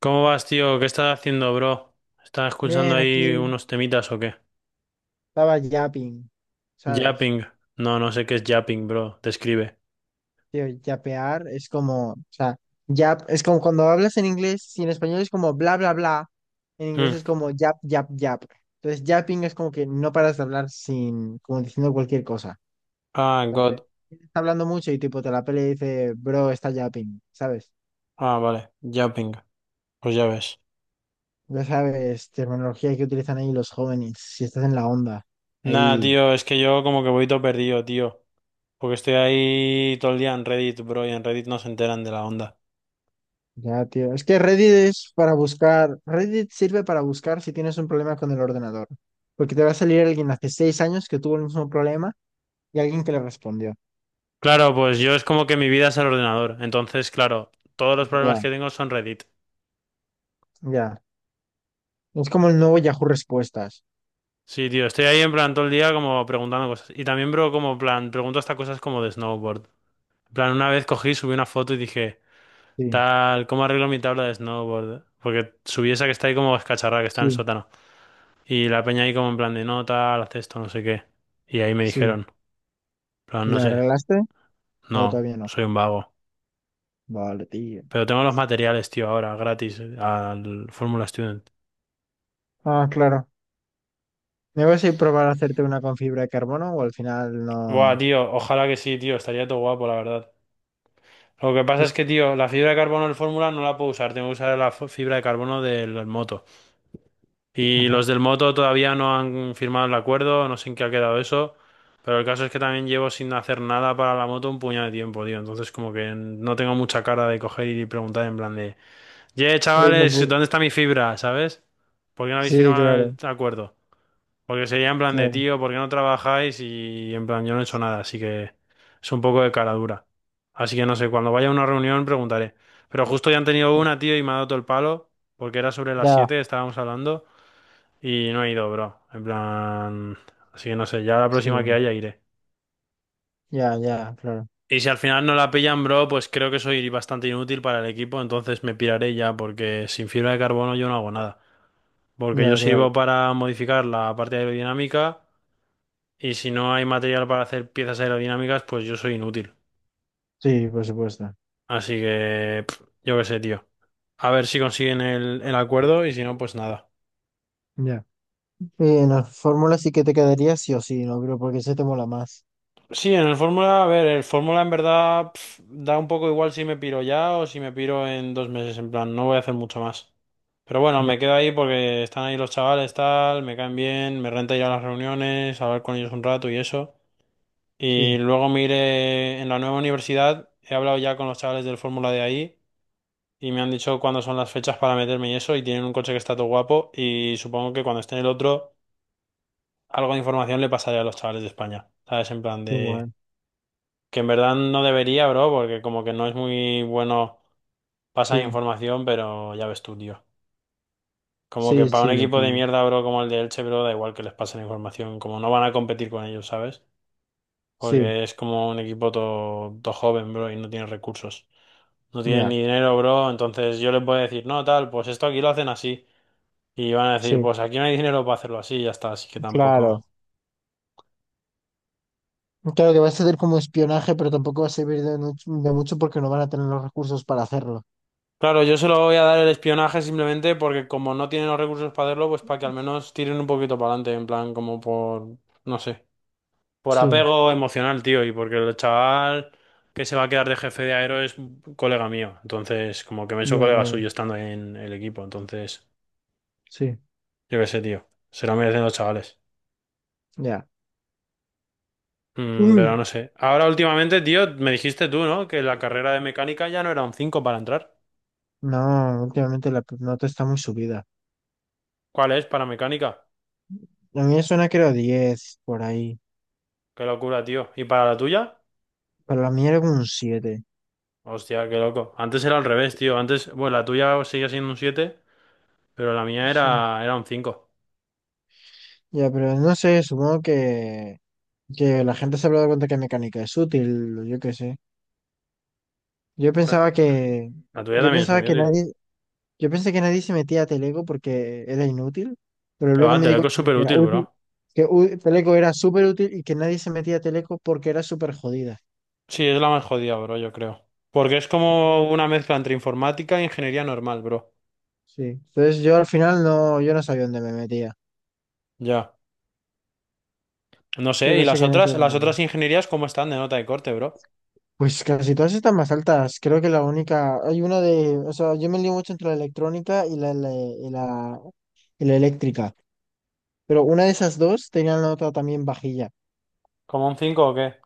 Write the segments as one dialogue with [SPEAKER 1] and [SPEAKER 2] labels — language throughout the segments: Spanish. [SPEAKER 1] ¿Cómo vas, tío? ¿Qué estás haciendo, bro? ¿Estás escuchando
[SPEAKER 2] Bien,
[SPEAKER 1] ahí
[SPEAKER 2] aquí
[SPEAKER 1] unos temitas o qué?
[SPEAKER 2] estaba yapping, ¿sabes?
[SPEAKER 1] Yapping. No, no sé qué es yapping, bro. Describe.
[SPEAKER 2] Tío, yapear es como, o sea, yap, es como cuando hablas en inglés, si en español es como bla, bla, bla, en inglés
[SPEAKER 1] Hmm.
[SPEAKER 2] es como yap, yap, yap. Entonces, yapping es como que no paras de hablar sin, como diciendo cualquier cosa.
[SPEAKER 1] Ah,
[SPEAKER 2] Correcto.
[SPEAKER 1] God.
[SPEAKER 2] Está hablando mucho y tipo te la pelea y dice, bro, está yapping, ¿sabes?
[SPEAKER 1] Ah, vale. Yapping. Pues ya ves.
[SPEAKER 2] Ya sabes, terminología que utilizan ahí los jóvenes, si estás en la onda,
[SPEAKER 1] Nah,
[SPEAKER 2] ahí.
[SPEAKER 1] tío, es que yo como que voy todo perdido, tío. Porque estoy ahí todo el día en Reddit, bro, y en Reddit no se enteran de la onda.
[SPEAKER 2] Ya, tío. Es que Reddit es para buscar. Reddit sirve para buscar si tienes un problema con el ordenador. Porque te va a salir alguien hace 6 años que tuvo el mismo problema y alguien que le respondió.
[SPEAKER 1] Claro, pues yo es como que mi vida es el ordenador. Entonces, claro, todos los problemas
[SPEAKER 2] Ya,
[SPEAKER 1] que tengo son Reddit.
[SPEAKER 2] ya. Es como el nuevo Yahoo Respuestas.
[SPEAKER 1] Sí, tío, estoy ahí en plan todo el día como preguntando cosas. Y también, bro, como plan, pregunto hasta cosas como de snowboard. En plan, una vez cogí, subí una foto y dije,
[SPEAKER 2] Sí,
[SPEAKER 1] tal, ¿cómo arreglo mi tabla de snowboard? Porque subí esa que está ahí como escacharrada, que está en el
[SPEAKER 2] sí,
[SPEAKER 1] sótano. Y la peña ahí como en plan de, no, tal, haz esto, no sé qué. Y ahí me
[SPEAKER 2] sí.
[SPEAKER 1] dijeron, en plan,
[SPEAKER 2] ¿Y
[SPEAKER 1] no
[SPEAKER 2] la
[SPEAKER 1] sé,
[SPEAKER 2] arreglaste? ¿O
[SPEAKER 1] no,
[SPEAKER 2] todavía no?
[SPEAKER 1] soy un vago.
[SPEAKER 2] Vale, tío.
[SPEAKER 1] Pero tengo los materiales, tío, ahora, gratis, al Fórmula Student.
[SPEAKER 2] Ah, claro. ¿Me vas a ir a probar a hacerte una con fibra de carbono o al final
[SPEAKER 1] Buah,
[SPEAKER 2] no?
[SPEAKER 1] tío, ojalá que sí, tío, estaría todo guapo, la verdad. Lo que pasa es que, tío, la fibra de carbono del Fórmula no la puedo usar, tengo que usar la fibra de carbono del moto. Y
[SPEAKER 2] Ajá.
[SPEAKER 1] los del Moto todavía no han firmado el acuerdo, no sé en qué ha quedado eso, pero el caso es que también llevo sin hacer nada para la moto un puñado de tiempo, tío. Entonces como que no tengo mucha cara de coger y preguntar en plan de, ye,
[SPEAKER 2] Ahí me
[SPEAKER 1] chavales,
[SPEAKER 2] pu-
[SPEAKER 1] ¿dónde está mi fibra? ¿Sabes? ¿Por qué no habéis
[SPEAKER 2] Sí,
[SPEAKER 1] firmado
[SPEAKER 2] claro,
[SPEAKER 1] el acuerdo? Porque sería en plan de,
[SPEAKER 2] claro.
[SPEAKER 1] tío, ¿por qué no trabajáis? Y en plan, yo no he hecho nada, así que es un poco de cara dura. Así que no sé, cuando vaya a una reunión preguntaré. Pero justo ya han tenido una, tío, y me ha dado todo el palo, porque era sobre las
[SPEAKER 2] Ya,
[SPEAKER 1] 7 estábamos hablando. Y no he ido, bro. En plan. Así que no sé, ya la
[SPEAKER 2] sí.
[SPEAKER 1] próxima que haya iré.
[SPEAKER 2] Ya, ya, claro.
[SPEAKER 1] Y si al final no la pillan, bro, pues creo que soy bastante inútil para el equipo, entonces me piraré ya, porque sin fibra de carbono yo no hago nada. Porque yo
[SPEAKER 2] Ya, claro.
[SPEAKER 1] sirvo para modificar la parte aerodinámica, y si no hay material para hacer piezas aerodinámicas, pues yo soy inútil.
[SPEAKER 2] Sí, por supuesto.
[SPEAKER 1] Así que, pff, yo qué sé, tío. A ver si consiguen el acuerdo, y si no, pues nada.
[SPEAKER 2] Ya. Y en la fórmula sí que te quedaría sí o sí, no creo, porque ese te mola más.
[SPEAKER 1] Sí, en el Fórmula, a ver, el Fórmula en verdad pf, da un poco igual si me piro ya o si me piro en 2 meses, en plan, no voy a hacer mucho más. Pero bueno,
[SPEAKER 2] Ya,
[SPEAKER 1] me quedo ahí porque están ahí los chavales, tal, me caen bien, me renta ir a las reuniones, hablar con ellos un rato y eso. Y
[SPEAKER 2] sí.
[SPEAKER 1] luego me iré en la nueva universidad, he hablado ya con los chavales del Fórmula de ahí y me han dicho cuándo son las fechas para meterme y eso, y tienen un coche que está todo guapo y supongo que cuando esté en el otro, algo de información le pasaré a los chavales de España, ¿sabes? En plan
[SPEAKER 2] Qué
[SPEAKER 1] de...
[SPEAKER 2] bueno.
[SPEAKER 1] Que en verdad no debería, bro, porque como que no es muy bueno pasar
[SPEAKER 2] Sí,
[SPEAKER 1] información, pero ya ves tú, tío. Como que
[SPEAKER 2] sí,
[SPEAKER 1] para un
[SPEAKER 2] sí, lo
[SPEAKER 1] equipo de
[SPEAKER 2] pillo.
[SPEAKER 1] mierda, bro, como el de Elche, bro, da igual que les pasen información, como no van a competir con ellos, ¿sabes?
[SPEAKER 2] Sí,
[SPEAKER 1] Porque es como un equipo todo joven, bro, y no tiene recursos. No tienen
[SPEAKER 2] ya,
[SPEAKER 1] ni dinero, bro, entonces yo les voy a decir, no, tal, pues esto aquí lo hacen así. Y van a decir,
[SPEAKER 2] sí,
[SPEAKER 1] pues aquí no hay dinero para hacerlo así, y ya está, así que
[SPEAKER 2] claro.
[SPEAKER 1] tampoco.
[SPEAKER 2] Claro que va a ser como espionaje, pero tampoco va a servir de mucho porque no van a tener los recursos para hacerlo.
[SPEAKER 1] Claro, yo se lo voy a dar el espionaje simplemente porque como no tienen los recursos para hacerlo, pues para que al menos tiren un poquito para adelante, en plan, como por, no sé, por
[SPEAKER 2] Sí,
[SPEAKER 1] apego emocional, tío, y porque el chaval que se va a quedar de jefe de aero es un colega mío, entonces como que me he hecho
[SPEAKER 2] ya
[SPEAKER 1] colega
[SPEAKER 2] creo.
[SPEAKER 1] suyo estando en el equipo, entonces,
[SPEAKER 2] Sí,
[SPEAKER 1] yo qué sé, tío, se lo merecen los chavales.
[SPEAKER 2] ya.
[SPEAKER 1] Mm, pero
[SPEAKER 2] Uy,
[SPEAKER 1] no sé. Ahora últimamente, tío, me dijiste tú, ¿no? Que la carrera de mecánica ya no era un 5 para entrar.
[SPEAKER 2] no, últimamente la nota está muy subida.
[SPEAKER 1] ¿Cuál es para mecánica?
[SPEAKER 2] La mía suena que era 10 por ahí,
[SPEAKER 1] Qué locura, tío. ¿Y para la tuya?
[SPEAKER 2] pero la mía era como un 7.
[SPEAKER 1] Hostia, qué loco. Antes era al revés, tío. Antes, bueno, la tuya seguía siendo un 7, pero la mía
[SPEAKER 2] Sí.
[SPEAKER 1] era un cinco.
[SPEAKER 2] Ya, pero no sé, supongo que la gente se habrá dado cuenta que mecánica es útil, yo qué sé. Yo
[SPEAKER 1] La
[SPEAKER 2] pensaba que,
[SPEAKER 1] la tuya
[SPEAKER 2] yo
[SPEAKER 1] también es
[SPEAKER 2] pensaba
[SPEAKER 1] muy
[SPEAKER 2] que
[SPEAKER 1] útil.
[SPEAKER 2] nadie, yo pensé que nadie se metía a Teleco porque era inútil, pero
[SPEAKER 1] Que
[SPEAKER 2] luego
[SPEAKER 1] va,
[SPEAKER 2] me di
[SPEAKER 1] Teleco es
[SPEAKER 2] cuenta de
[SPEAKER 1] súper
[SPEAKER 2] que era
[SPEAKER 1] útil, bro.
[SPEAKER 2] útil, que Teleco era súper útil y que nadie se metía a Teleco porque era súper jodida.
[SPEAKER 1] Sí, es la más jodida, bro, yo creo. Porque es como una mezcla entre informática e ingeniería normal, bro.
[SPEAKER 2] Sí. Entonces yo al final no, yo no sabía dónde me metía.
[SPEAKER 1] Ya. No
[SPEAKER 2] Yo
[SPEAKER 1] sé, ¿y
[SPEAKER 2] pensé
[SPEAKER 1] las
[SPEAKER 2] que me metía
[SPEAKER 1] otras,
[SPEAKER 2] en la
[SPEAKER 1] las
[SPEAKER 2] normal.
[SPEAKER 1] otras ingenierías cómo están de nota de corte, bro?
[SPEAKER 2] Pues casi todas están más altas. Creo que la única, hay una de, o sea, yo me lío mucho entre la electrónica y y la eléctrica. Pero una de esas dos tenía la nota también vajilla.
[SPEAKER 1] ¿Como un cinco o qué?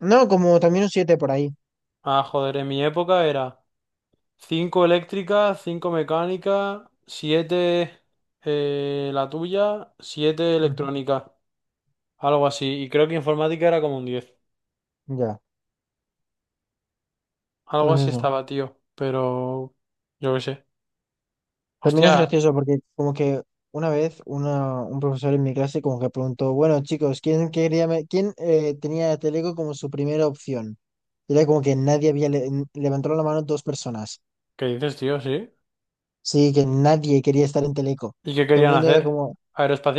[SPEAKER 2] No, como también un 7 por ahí.
[SPEAKER 1] Ah, joder, en mi época era 5 eléctrica, 5 mecánica, 7 la tuya, 7
[SPEAKER 2] Ujú.
[SPEAKER 1] electrónica. Algo así. Y creo que informática era como un 10.
[SPEAKER 2] Ya,
[SPEAKER 1] Algo
[SPEAKER 2] pues
[SPEAKER 1] así
[SPEAKER 2] eso.
[SPEAKER 1] estaba, tío. Pero yo qué sé.
[SPEAKER 2] También
[SPEAKER 1] Hostia,
[SPEAKER 2] es gracioso porque como que una vez una, un profesor en mi clase como que preguntó, bueno chicos, ¿quién, tenía Teleco como su primera opción? Y era como que nadie había levantado la mano, dos personas.
[SPEAKER 1] ¿qué dices, tío? ¿Sí?
[SPEAKER 2] Sí, que nadie quería estar en Teleco.
[SPEAKER 1] ¿Y qué
[SPEAKER 2] Todo el
[SPEAKER 1] querían
[SPEAKER 2] mundo era
[SPEAKER 1] hacer?
[SPEAKER 2] como,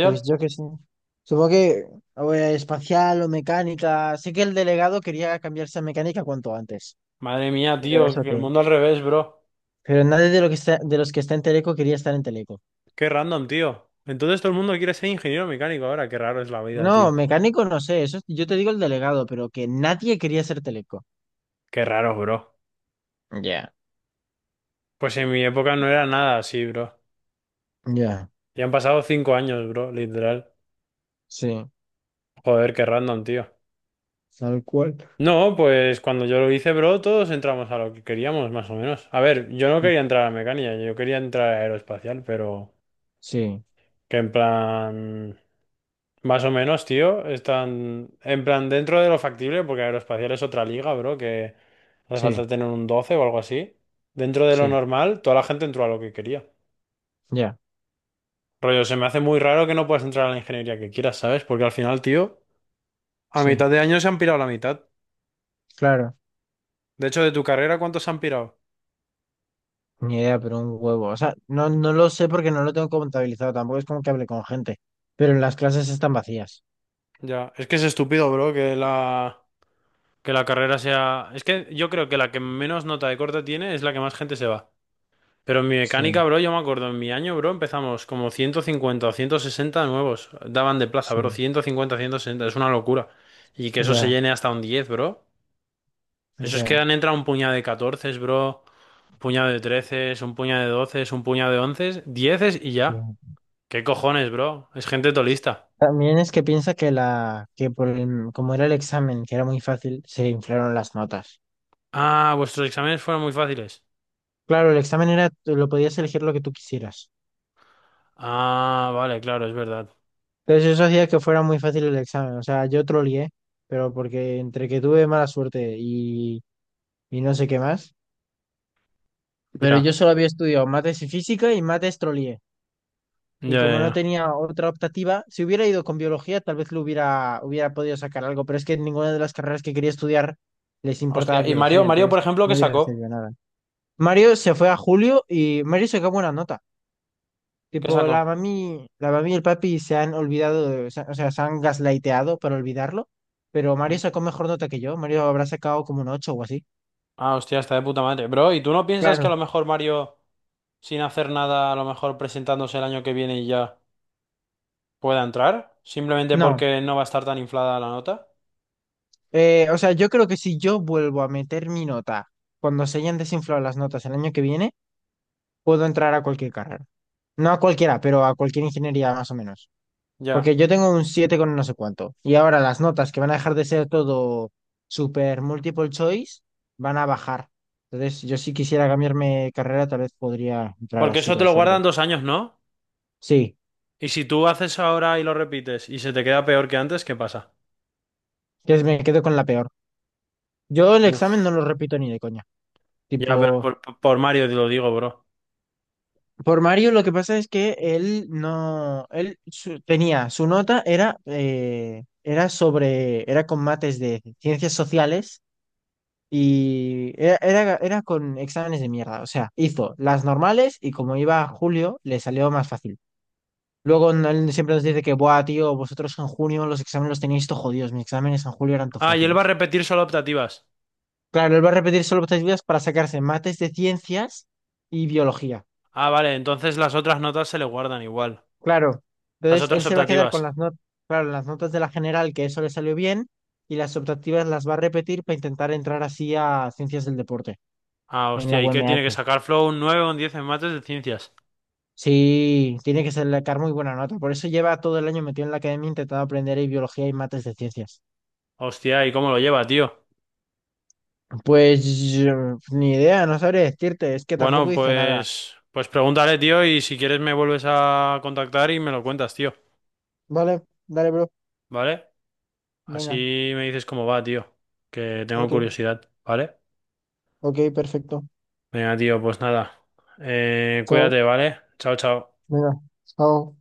[SPEAKER 2] pues yo que sé. Supongo que o era espacial o mecánica. Sé que el delegado quería cambiarse a mecánica cuanto antes.
[SPEAKER 1] Madre mía,
[SPEAKER 2] Pero
[SPEAKER 1] tío,
[SPEAKER 2] eso
[SPEAKER 1] que el
[SPEAKER 2] qué.
[SPEAKER 1] mundo al revés, bro.
[SPEAKER 2] Pero nadie de, lo que está, de los que está en Teleco quería estar en Teleco.
[SPEAKER 1] Qué random, tío. Entonces todo el mundo quiere ser ingeniero mecánico ahora. Qué raro es la vida,
[SPEAKER 2] No,
[SPEAKER 1] tío.
[SPEAKER 2] mecánico no sé. Eso, yo te digo el delegado, pero que nadie quería ser Teleco.
[SPEAKER 1] Qué raro, bro.
[SPEAKER 2] Ya.
[SPEAKER 1] Pues en mi época no era nada así, bro.
[SPEAKER 2] Ya,
[SPEAKER 1] Ya han pasado 5 años, bro, literal.
[SPEAKER 2] sí,
[SPEAKER 1] Joder, qué random, tío.
[SPEAKER 2] tal cual.
[SPEAKER 1] No, pues cuando yo lo hice, bro, todos entramos a lo que queríamos, más o menos. A ver, yo no quería entrar a mecánica, yo quería entrar a aeroespacial, pero
[SPEAKER 2] Sí,
[SPEAKER 1] que en plan, más o menos, tío, están en plan dentro de lo factible, porque aeroespacial es otra liga, bro, que hace
[SPEAKER 2] sí,
[SPEAKER 1] falta tener un 12 o algo así. Dentro de lo
[SPEAKER 2] sí,
[SPEAKER 1] normal, toda la gente entró a lo que quería.
[SPEAKER 2] ya,
[SPEAKER 1] Rollo, se me hace muy raro que no puedas entrar a la ingeniería que quieras, ¿sabes? Porque al final, tío, a
[SPEAKER 2] sí,
[SPEAKER 1] mitad de año se han pirado la mitad.
[SPEAKER 2] claro.
[SPEAKER 1] De hecho, de tu carrera, ¿cuántos se han pirado?
[SPEAKER 2] Ni idea, pero un huevo. O sea, no, no lo sé porque no lo tengo contabilizado. Tampoco es como que hable con gente. Pero las clases están vacías.
[SPEAKER 1] Ya, es que es estúpido, bro, que la. Que la carrera sea. Es que yo creo que la que menos nota de corte tiene es la que más gente se va. Pero en mi
[SPEAKER 2] Sí.
[SPEAKER 1] mecánica, bro, yo me acuerdo, en mi año, bro, empezamos como 150 o 160 nuevos. Daban de plaza,
[SPEAKER 2] Sí,
[SPEAKER 1] bro, 150, 160 es una locura. Y que eso se
[SPEAKER 2] ya,
[SPEAKER 1] llene hasta un 10, bro. Eso es que
[SPEAKER 2] ya.
[SPEAKER 1] han entrado un puñado de catorce, bro, un puñado de 13, un puñado de 12, un puñado de 11, 10 y ya.
[SPEAKER 2] Entiendo.
[SPEAKER 1] ¿Qué cojones, bro? Es gente tolista.
[SPEAKER 2] También es que piensa que la, que como era el examen, que era muy fácil, se inflaron las notas.
[SPEAKER 1] Ah, vuestros exámenes fueron muy fáciles.
[SPEAKER 2] Claro, el examen era, tú lo podías elegir lo que tú quisieras.
[SPEAKER 1] Ah, vale, claro, es verdad.
[SPEAKER 2] Entonces eso hacía que fuera muy fácil el examen. O sea, yo trolié, pero porque entre que tuve mala suerte y no sé qué más. Pero
[SPEAKER 1] Ya,
[SPEAKER 2] yo solo había estudiado mates y física, y mates trolié. Y
[SPEAKER 1] ya,
[SPEAKER 2] como no
[SPEAKER 1] ya.
[SPEAKER 2] tenía otra optativa, si hubiera ido con biología, tal vez lo hubiera podido sacar algo, pero es que en ninguna de las carreras que quería estudiar les importaba
[SPEAKER 1] Hostia, y Mario,
[SPEAKER 2] biología,
[SPEAKER 1] Mario, por
[SPEAKER 2] entonces
[SPEAKER 1] ejemplo,
[SPEAKER 2] no
[SPEAKER 1] ¿qué
[SPEAKER 2] hubiera
[SPEAKER 1] sacó?
[SPEAKER 2] recibido nada. Mario se fue a julio y Mario sacó buena nota.
[SPEAKER 1] ¿Qué
[SPEAKER 2] Tipo, la
[SPEAKER 1] sacó?
[SPEAKER 2] mami, la mami y el papi se han olvidado, o sea, se han gaslighteado para olvidarlo, pero Mario
[SPEAKER 1] Ujú.
[SPEAKER 2] sacó mejor nota que yo. Mario habrá sacado como un 8 o así.
[SPEAKER 1] Ah, hostia, está de puta madre. Bro, ¿y tú no piensas que a
[SPEAKER 2] Claro.
[SPEAKER 1] lo mejor Mario, sin hacer nada, a lo mejor presentándose el año que viene y ya pueda entrar? Simplemente
[SPEAKER 2] No.
[SPEAKER 1] porque no va a estar tan inflada la nota.
[SPEAKER 2] O sea, yo creo que si yo vuelvo a meter mi nota cuando se hayan desinflado las notas el año que viene, puedo entrar a cualquier carrera. No a cualquiera, pero a cualquier ingeniería más o menos. Porque
[SPEAKER 1] Ya.
[SPEAKER 2] yo tengo un 7 con no sé cuánto. Y ahora las notas que van a dejar de ser todo super multiple choice van a bajar. Entonces, yo si quisiera cambiarme de carrera, tal vez podría entrar
[SPEAKER 1] Porque
[SPEAKER 2] así
[SPEAKER 1] eso
[SPEAKER 2] con
[SPEAKER 1] te lo
[SPEAKER 2] suerte.
[SPEAKER 1] guardan 2 años, ¿no?
[SPEAKER 2] Sí,
[SPEAKER 1] Y si tú haces ahora y lo repites y se te queda peor que antes, ¿qué pasa?
[SPEAKER 2] que me quedo con la peor. Yo el examen no
[SPEAKER 1] Uf.
[SPEAKER 2] lo repito ni de coña.
[SPEAKER 1] Ya, pero
[SPEAKER 2] Tipo,
[SPEAKER 1] por Mario te lo digo, bro.
[SPEAKER 2] por Mario lo que pasa es que él no, tenía, su nota era con mates de ciencias sociales. Y era con exámenes de mierda. O sea, hizo las normales y como iba a julio, le salió más fácil. Luego él siempre nos dice que, buah, tío, vosotros en junio los exámenes los tenéis todo jodidos. Mis exámenes en julio eran todo
[SPEAKER 1] Ah, y él va a
[SPEAKER 2] fáciles.
[SPEAKER 1] repetir solo optativas.
[SPEAKER 2] Claro, él va a repetir solo tres vidas para sacarse mates de ciencias y biología.
[SPEAKER 1] Ah, vale, entonces las otras notas se le guardan igual.
[SPEAKER 2] Claro.
[SPEAKER 1] Las
[SPEAKER 2] Entonces él
[SPEAKER 1] otras
[SPEAKER 2] se va a quedar con
[SPEAKER 1] optativas.
[SPEAKER 2] las notas, claro, las notas de la general, que eso le salió bien, y las optativas las va a repetir para intentar entrar así a ciencias del deporte
[SPEAKER 1] Ah,
[SPEAKER 2] en la
[SPEAKER 1] hostia, ¿y qué tiene que
[SPEAKER 2] UMH.
[SPEAKER 1] sacar Flow? Un 9 o un 10 en mates de ciencias.
[SPEAKER 2] Sí, tiene que sacar muy buena nota. Por eso lleva todo el año metido en la academia intentando aprender ahí biología y mates de ciencias.
[SPEAKER 1] Hostia, ¿y cómo lo lleva, tío?
[SPEAKER 2] Pues yo, ni idea, no sabría decirte. Es que tampoco
[SPEAKER 1] Bueno,
[SPEAKER 2] dice nada.
[SPEAKER 1] pues pregúntale, tío, y si quieres me vuelves a contactar y me lo cuentas, tío,
[SPEAKER 2] Vale, dale, bro.
[SPEAKER 1] ¿vale?
[SPEAKER 2] Venga.
[SPEAKER 1] Así me dices cómo va, tío, que tengo
[SPEAKER 2] Ok,
[SPEAKER 1] curiosidad, ¿vale?
[SPEAKER 2] ok, perfecto.
[SPEAKER 1] Venga, tío, pues nada.
[SPEAKER 2] Chao.
[SPEAKER 1] Cuídate, ¿vale? Chao, chao.
[SPEAKER 2] Venga, chao.